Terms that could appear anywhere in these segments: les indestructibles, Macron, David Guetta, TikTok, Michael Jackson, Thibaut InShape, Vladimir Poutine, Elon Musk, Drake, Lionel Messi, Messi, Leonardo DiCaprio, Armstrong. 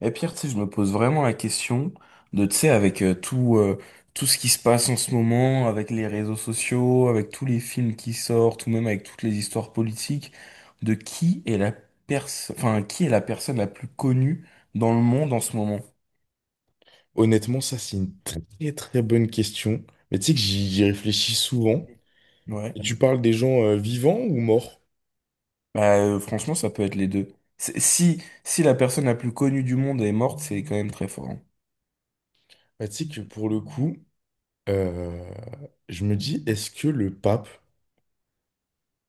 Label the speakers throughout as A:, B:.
A: Et Pierre, tu sais, je me pose vraiment la question de, tu sais, avec tout, tout ce qui se passe en ce moment, avec les réseaux sociaux, avec tous les films qui sortent, ou même avec toutes les histoires politiques, de qui est la personne, enfin, qui est la personne la plus connue dans le monde en ce moment?
B: Honnêtement, ça, c'est une très très bonne question. Mais tu sais que j'y réfléchis souvent. Et
A: Ouais.
B: tu parles des gens vivants ou morts?
A: Bah, franchement, ça peut être les deux. Si, si la personne la plus connue du monde est morte, c'est quand même très fort, hein.
B: Bah, tu sais que pour le coup, euh, je me dis, est-ce que le pape,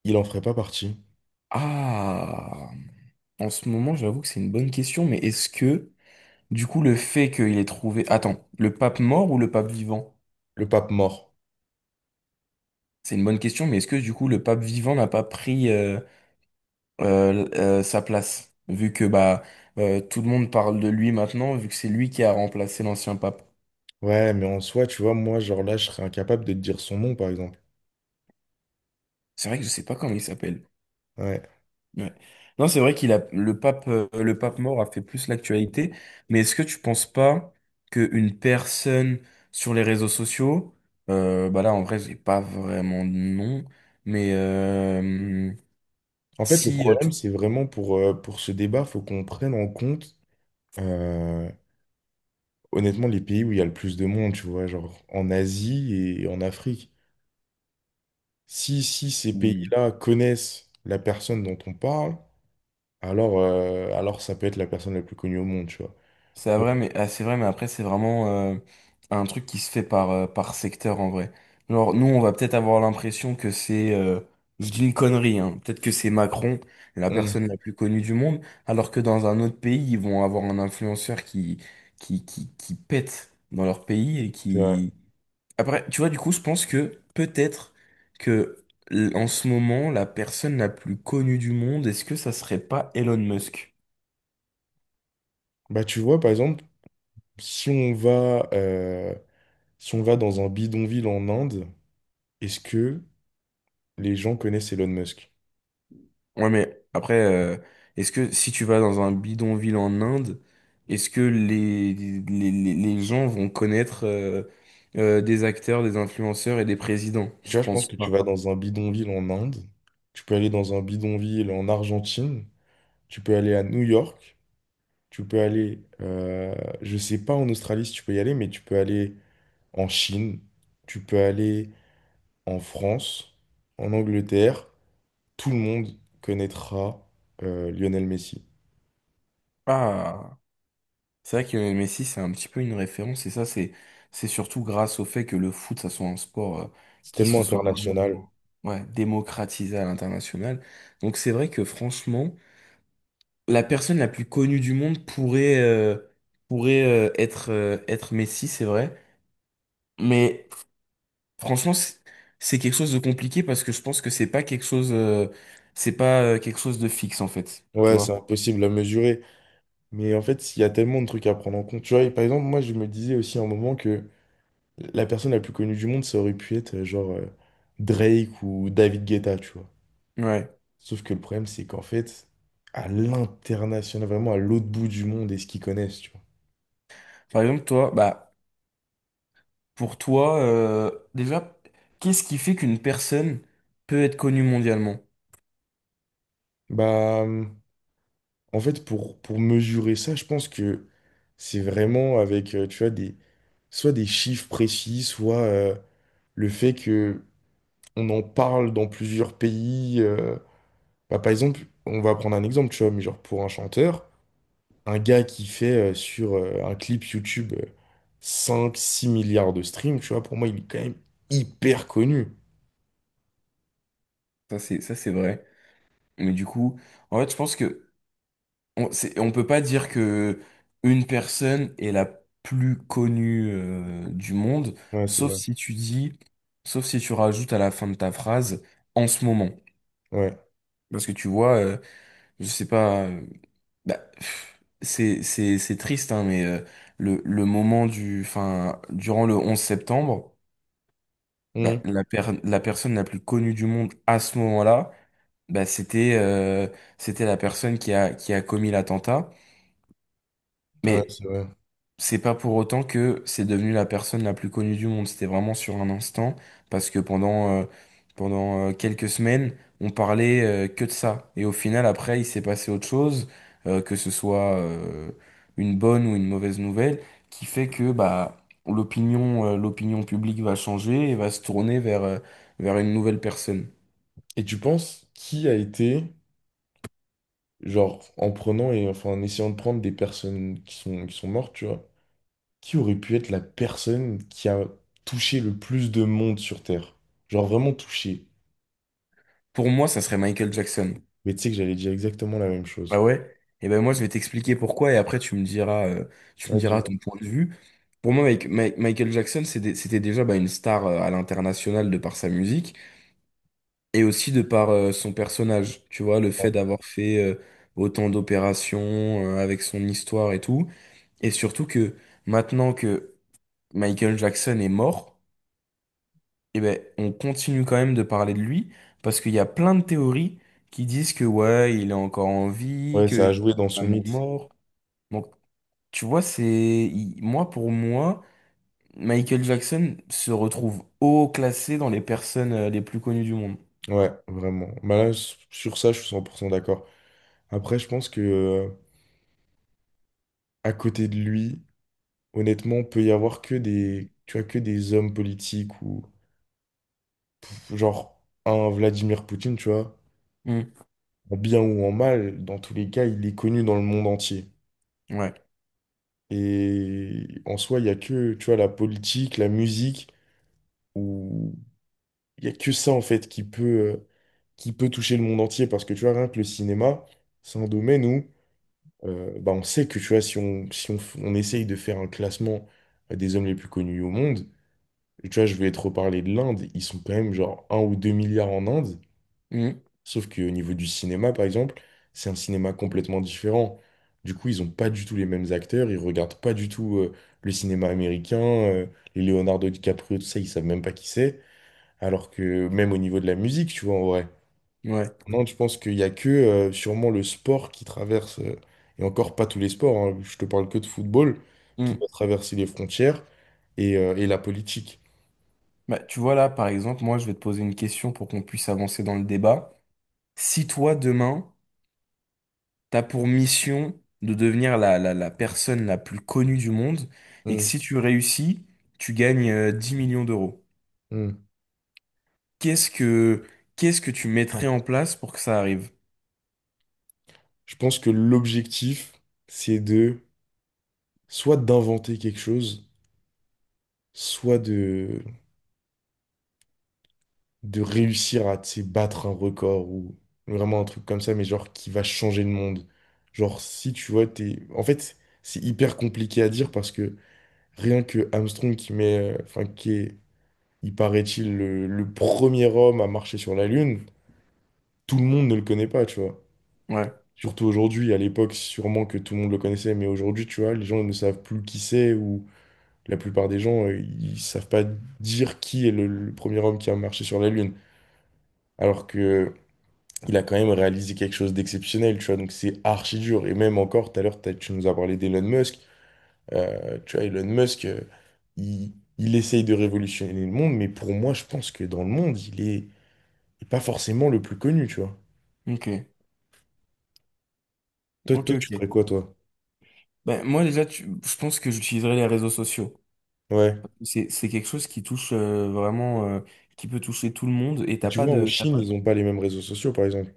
B: il en ferait pas partie?
A: Ah, en ce moment, j'avoue que c'est une bonne question, mais est-ce que... Du coup, le fait qu'il ait trouvé... Attends, le pape mort ou le pape vivant?
B: Le pape mort.
A: C'est une bonne question, mais est-ce que du coup le pape vivant n'a pas pris sa place? Vu que bah tout le monde parle de lui maintenant, vu que c'est lui qui a remplacé l'ancien pape.
B: Ouais, mais en soi, tu vois, moi, genre là, je serais incapable de te dire son nom, par exemple.
A: C'est vrai que je sais pas comment il s'appelle.
B: Ouais.
A: Ouais. Non, c'est vrai qu'il a le pape mort a fait plus l'actualité, mais est-ce que tu penses pas qu'une personne sur les réseaux sociaux, bah là en vrai j'ai pas vraiment de nom, mais
B: En fait, le
A: Si,
B: problème, c'est vraiment pour ce débat, faut qu'on prenne en compte, euh, honnêtement, les pays où il y a le plus de monde, tu vois, genre en Asie et en Afrique. Si ces
A: Mm.
B: pays-là connaissent la personne dont on parle, alors ça peut être la personne la plus connue au monde, tu vois.
A: C'est vrai,
B: Genre,
A: mais ah, c'est vrai, mais après c'est vraiment un truc qui se fait par par secteur en vrai. Genre nous, on va peut-être avoir l'impression que c'est, je dis une connerie, hein, peut-être que c'est Macron, la
B: hmm,
A: personne la plus connue du monde, alors que dans un autre pays, ils vont avoir un influenceur qui qui pète dans leur pays et
B: c'est vrai.
A: qui. Après, tu vois, du coup, je pense que peut-être que en ce moment, la personne la plus connue du monde, est-ce que ça serait pas Elon Musk?
B: Bah, tu vois, par exemple, si on va, euh, si on va dans un bidonville en Inde, est-ce que les gens connaissent Elon Musk?
A: Ouais, mais après, est-ce que si tu vas dans un bidonville en Inde, est-ce que les gens vont connaître des acteurs, des influenceurs et des présidents?
B: Tu
A: Je
B: vois, je pense
A: pense
B: que tu
A: pas.
B: vas dans un bidonville en Inde, tu peux aller dans un bidonville en Argentine, tu peux aller à New York, tu peux aller, euh, je sais pas en Australie si tu peux y aller, mais tu peux aller en Chine, tu peux aller en France, en Angleterre, tout le monde connaîtra Lionel Messi.
A: Ah, c'est vrai que Messi, c'est un petit peu une référence, et ça, c'est surtout grâce au fait que le foot, ça soit un sport
B: C'est
A: qui
B: tellement
A: se soit vraiment,
B: international.
A: ouais, démocratisé à l'international. Donc c'est vrai que franchement, la personne la plus connue du monde pourrait, pourrait être, être Messi, c'est vrai. Mais franchement, c'est quelque chose de compliqué parce que je pense que c'est pas quelque chose, c'est pas quelque chose de fixe en fait, tu
B: Ouais, c'est
A: vois.
B: impossible à mesurer. Mais en fait, il y a tellement de trucs à prendre en compte. Tu vois, et par exemple, moi, je me disais aussi à un moment que la personne la plus connue du monde, ça aurait pu être Drake ou David Guetta, tu vois.
A: Ouais.
B: Sauf que le problème, c'est qu'en fait, à l'international, vraiment à l'autre bout du monde, est-ce qu'ils connaissent, tu vois.
A: Par exemple, toi, bah, pour toi, déjà, qu'est-ce qui fait qu'une personne peut être connue mondialement?
B: Bah. En fait, pour mesurer ça, je pense que c'est vraiment avec tu vois, des, soit des chiffres précis, soit le fait que on en parle dans plusieurs pays. Bah, par exemple, on va prendre un exemple, tu vois, mais genre pour un chanteur, un gars qui fait sur un clip YouTube cinq six milliards de streams, tu vois, pour moi, il est quand même hyper connu.
A: Ça, c'est vrai. Mais du coup, en fait, je pense que on, on peut pas dire que une personne est la plus connue, du monde,
B: Ouais, c'est
A: sauf
B: vrai.
A: si tu dis, sauf si tu rajoutes à la fin de ta phrase en ce moment.
B: Ouais.
A: Parce que tu vois, je sais pas, bah, pff, c'est triste, hein, mais le moment du, enfin, durant le 11 septembre, bah,
B: Mmh.
A: la personne la plus connue du monde à ce moment-là, bah, c'était c'était la personne qui a commis l'attentat.
B: Ouais,
A: Mais
B: c'est vrai.
A: c'est pas pour autant que c'est devenu la personne la plus connue du monde. C'était vraiment sur un instant, parce que pendant, pendant quelques semaines, on parlait que de ça. Et au final, après, il s'est passé autre chose, que ce soit une bonne ou une mauvaise nouvelle, qui fait que bah l'opinion, l'opinion publique va changer et va se tourner vers, vers une nouvelle personne.
B: Et tu penses qui a été Genre, en prenant et enfin en essayant de prendre des personnes qui sont mortes, tu vois. Qui aurait pu être la personne qui a touché le plus de monde sur Terre? Genre vraiment touché.
A: Pour moi, ça serait Michael Jackson.
B: Mais tu sais que j'allais dire exactement la même
A: Bah
B: chose.
A: ouais. Et ben moi je vais t'expliquer pourquoi et après tu
B: Ouais,
A: me diras
B: dis-moi.
A: ton point de vue. Pour moi Michael Jackson c'était déjà bah, une star à l'international de par sa musique et aussi de par son personnage. Tu vois le
B: Ouais.
A: fait d'avoir fait autant d'opérations avec son histoire et tout et surtout que maintenant que Michael Jackson est mort, et ben on continue quand même de parler de lui parce qu'il y a plein de théories qui disent que ouais il est encore en vie,
B: Ouais,
A: qu'il
B: ça a
A: est
B: joué dans son
A: vraiment
B: mythe.
A: mort. Tu vois, c'est moi pour moi, Michael Jackson se retrouve haut classé dans les personnes les plus connues du monde.
B: Ouais, vraiment. Bah là, sur ça, je suis 100% d'accord. Après, je pense que à côté de lui, honnêtement, peut y avoir que des, tu vois, que des hommes politiques ou genre un Vladimir Poutine, tu vois.
A: Mm.
B: En bien ou en mal, dans tous les cas, il est connu dans le monde entier.
A: Ouais.
B: Et en soi, il n'y a que, tu vois, la politique, la musique, où il n'y a que ça, en fait, qui peut toucher le monde entier. Parce que, tu vois, rien que le cinéma, c'est un domaine où bah, on sait que, tu vois, si on, si on, f- on essaye de faire un classement des hommes les plus connus au monde, tu vois, je vais te reparler de l'Inde, ils sont quand même genre un ou 2 milliards en Inde.
A: Mm.
B: Sauf qu'au niveau du cinéma, par exemple, c'est un cinéma complètement différent. Du coup, ils ont pas du tout les mêmes acteurs, ils regardent pas du tout le cinéma américain, les Leonardo DiCaprio, tout ça, ils savent même pas qui c'est. Alors que même au niveau de la musique, tu vois, en vrai.
A: Ouais.
B: Non, je pense qu'il y a que sûrement le sport qui traverse, et encore pas tous les sports, hein, je te parle que de football, qui
A: Mm.
B: doit traverser les frontières et et la politique.
A: Bah, tu vois là, par exemple, moi je vais te poser une question pour qu'on puisse avancer dans le débat. Si toi demain, t'as pour mission de devenir la personne la plus connue du monde et que
B: Mm,
A: si tu réussis, tu gagnes 10 millions d'euros.
B: mm.
A: Qu'est-ce que qu'est-ce que tu mettrais en place pour que ça arrive?
B: Je pense que l'objectif, c'est de soit d'inventer quelque chose, soit de, de réussir à, tu sais, battre un record ou vraiment un truc comme ça, mais genre qui va changer le monde. Genre, si tu vois, t'es... En fait, c'est hyper compliqué à dire parce que rien que Armstrong qui Enfin, qui est, il paraît-il, le premier homme à marcher sur la Lune, tout le monde ne le connaît pas, tu vois.
A: Ouais.
B: Surtout aujourd'hui, à l'époque, sûrement que tout le monde le connaissait, mais aujourd'hui, tu vois, les gens ne savent plus qui c'est ou la plupart des gens, ils savent pas dire qui est le premier homme qui a marché sur la Lune. Alors que il a quand même réalisé quelque chose d'exceptionnel, tu vois. Donc c'est archi dur. Et même encore, tout à l'heure, tu nous as parlé d'Elon Musk. Tu vois, Elon Musk, il essaye de révolutionner le monde, mais pour moi, je pense que dans le monde, il est pas forcément le plus connu, tu vois.
A: Ok.
B: Toi,
A: Ok,
B: toi, tu
A: ok.
B: ferais quoi, toi?
A: Ben, moi déjà, je pense que j'utiliserai les réseaux sociaux.
B: Ouais.
A: C'est quelque chose qui touche vraiment, qui peut toucher tout le monde. Et
B: Et
A: t'as
B: tu
A: pas
B: vois, en
A: de, t'as
B: Chine,
A: pas
B: ils
A: de...
B: n'ont pas les mêmes réseaux sociaux, par exemple.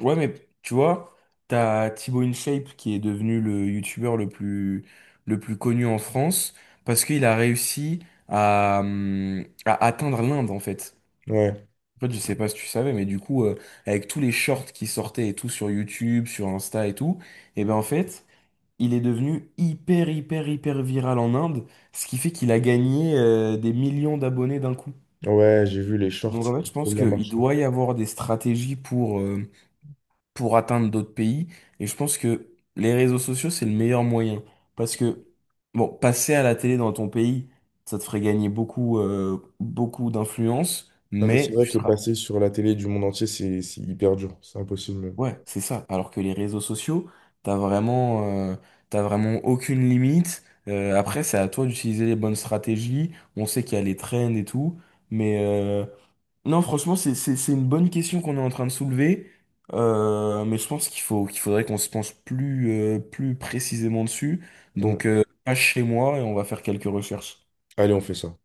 A: Ouais, mais tu vois, t'as Thibaut InShape qui est devenu le youtubeur le plus connu en France parce qu'il a réussi à atteindre l'Inde en fait.
B: Ouais.
A: En fait, je sais pas si tu savais, mais du coup, avec tous les shorts qui sortaient et tout sur YouTube, sur Insta et tout, et ben en fait, il est devenu hyper, hyper, hyper viral en Inde, ce qui fait qu'il a gagné des millions d'abonnés d'un coup.
B: Ouais, j'ai vu les shorts,
A: Donc
B: ça
A: en fait, je
B: a trop
A: pense
B: bien
A: qu'il
B: marché.
A: doit y avoir des stratégies pour atteindre d'autres pays, et je pense que les réseaux sociaux, c'est le meilleur moyen. Parce que, bon, passer à la télé dans ton pays, ça te ferait gagner beaucoup, beaucoup d'influence,
B: Non, mais c'est
A: mais
B: vrai
A: tu
B: que
A: seras...
B: passer sur la télé du monde entier, c'est hyper dur. C'est impossible. Même.
A: Ouais, c'est ça. Alors que les réseaux sociaux, t'as vraiment, euh, t'as vraiment aucune limite. Après, c'est à toi d'utiliser les bonnes stratégies. On sait qu'il y a les trends et tout. Mais non, franchement, c'est une bonne question qu'on est en train de soulever. Mais je pense qu'il faut, qu'il faudrait qu'on se penche plus, plus précisément dessus.
B: Mm.
A: Donc, passe chez moi et on va faire quelques recherches.
B: Allez, on fait ça.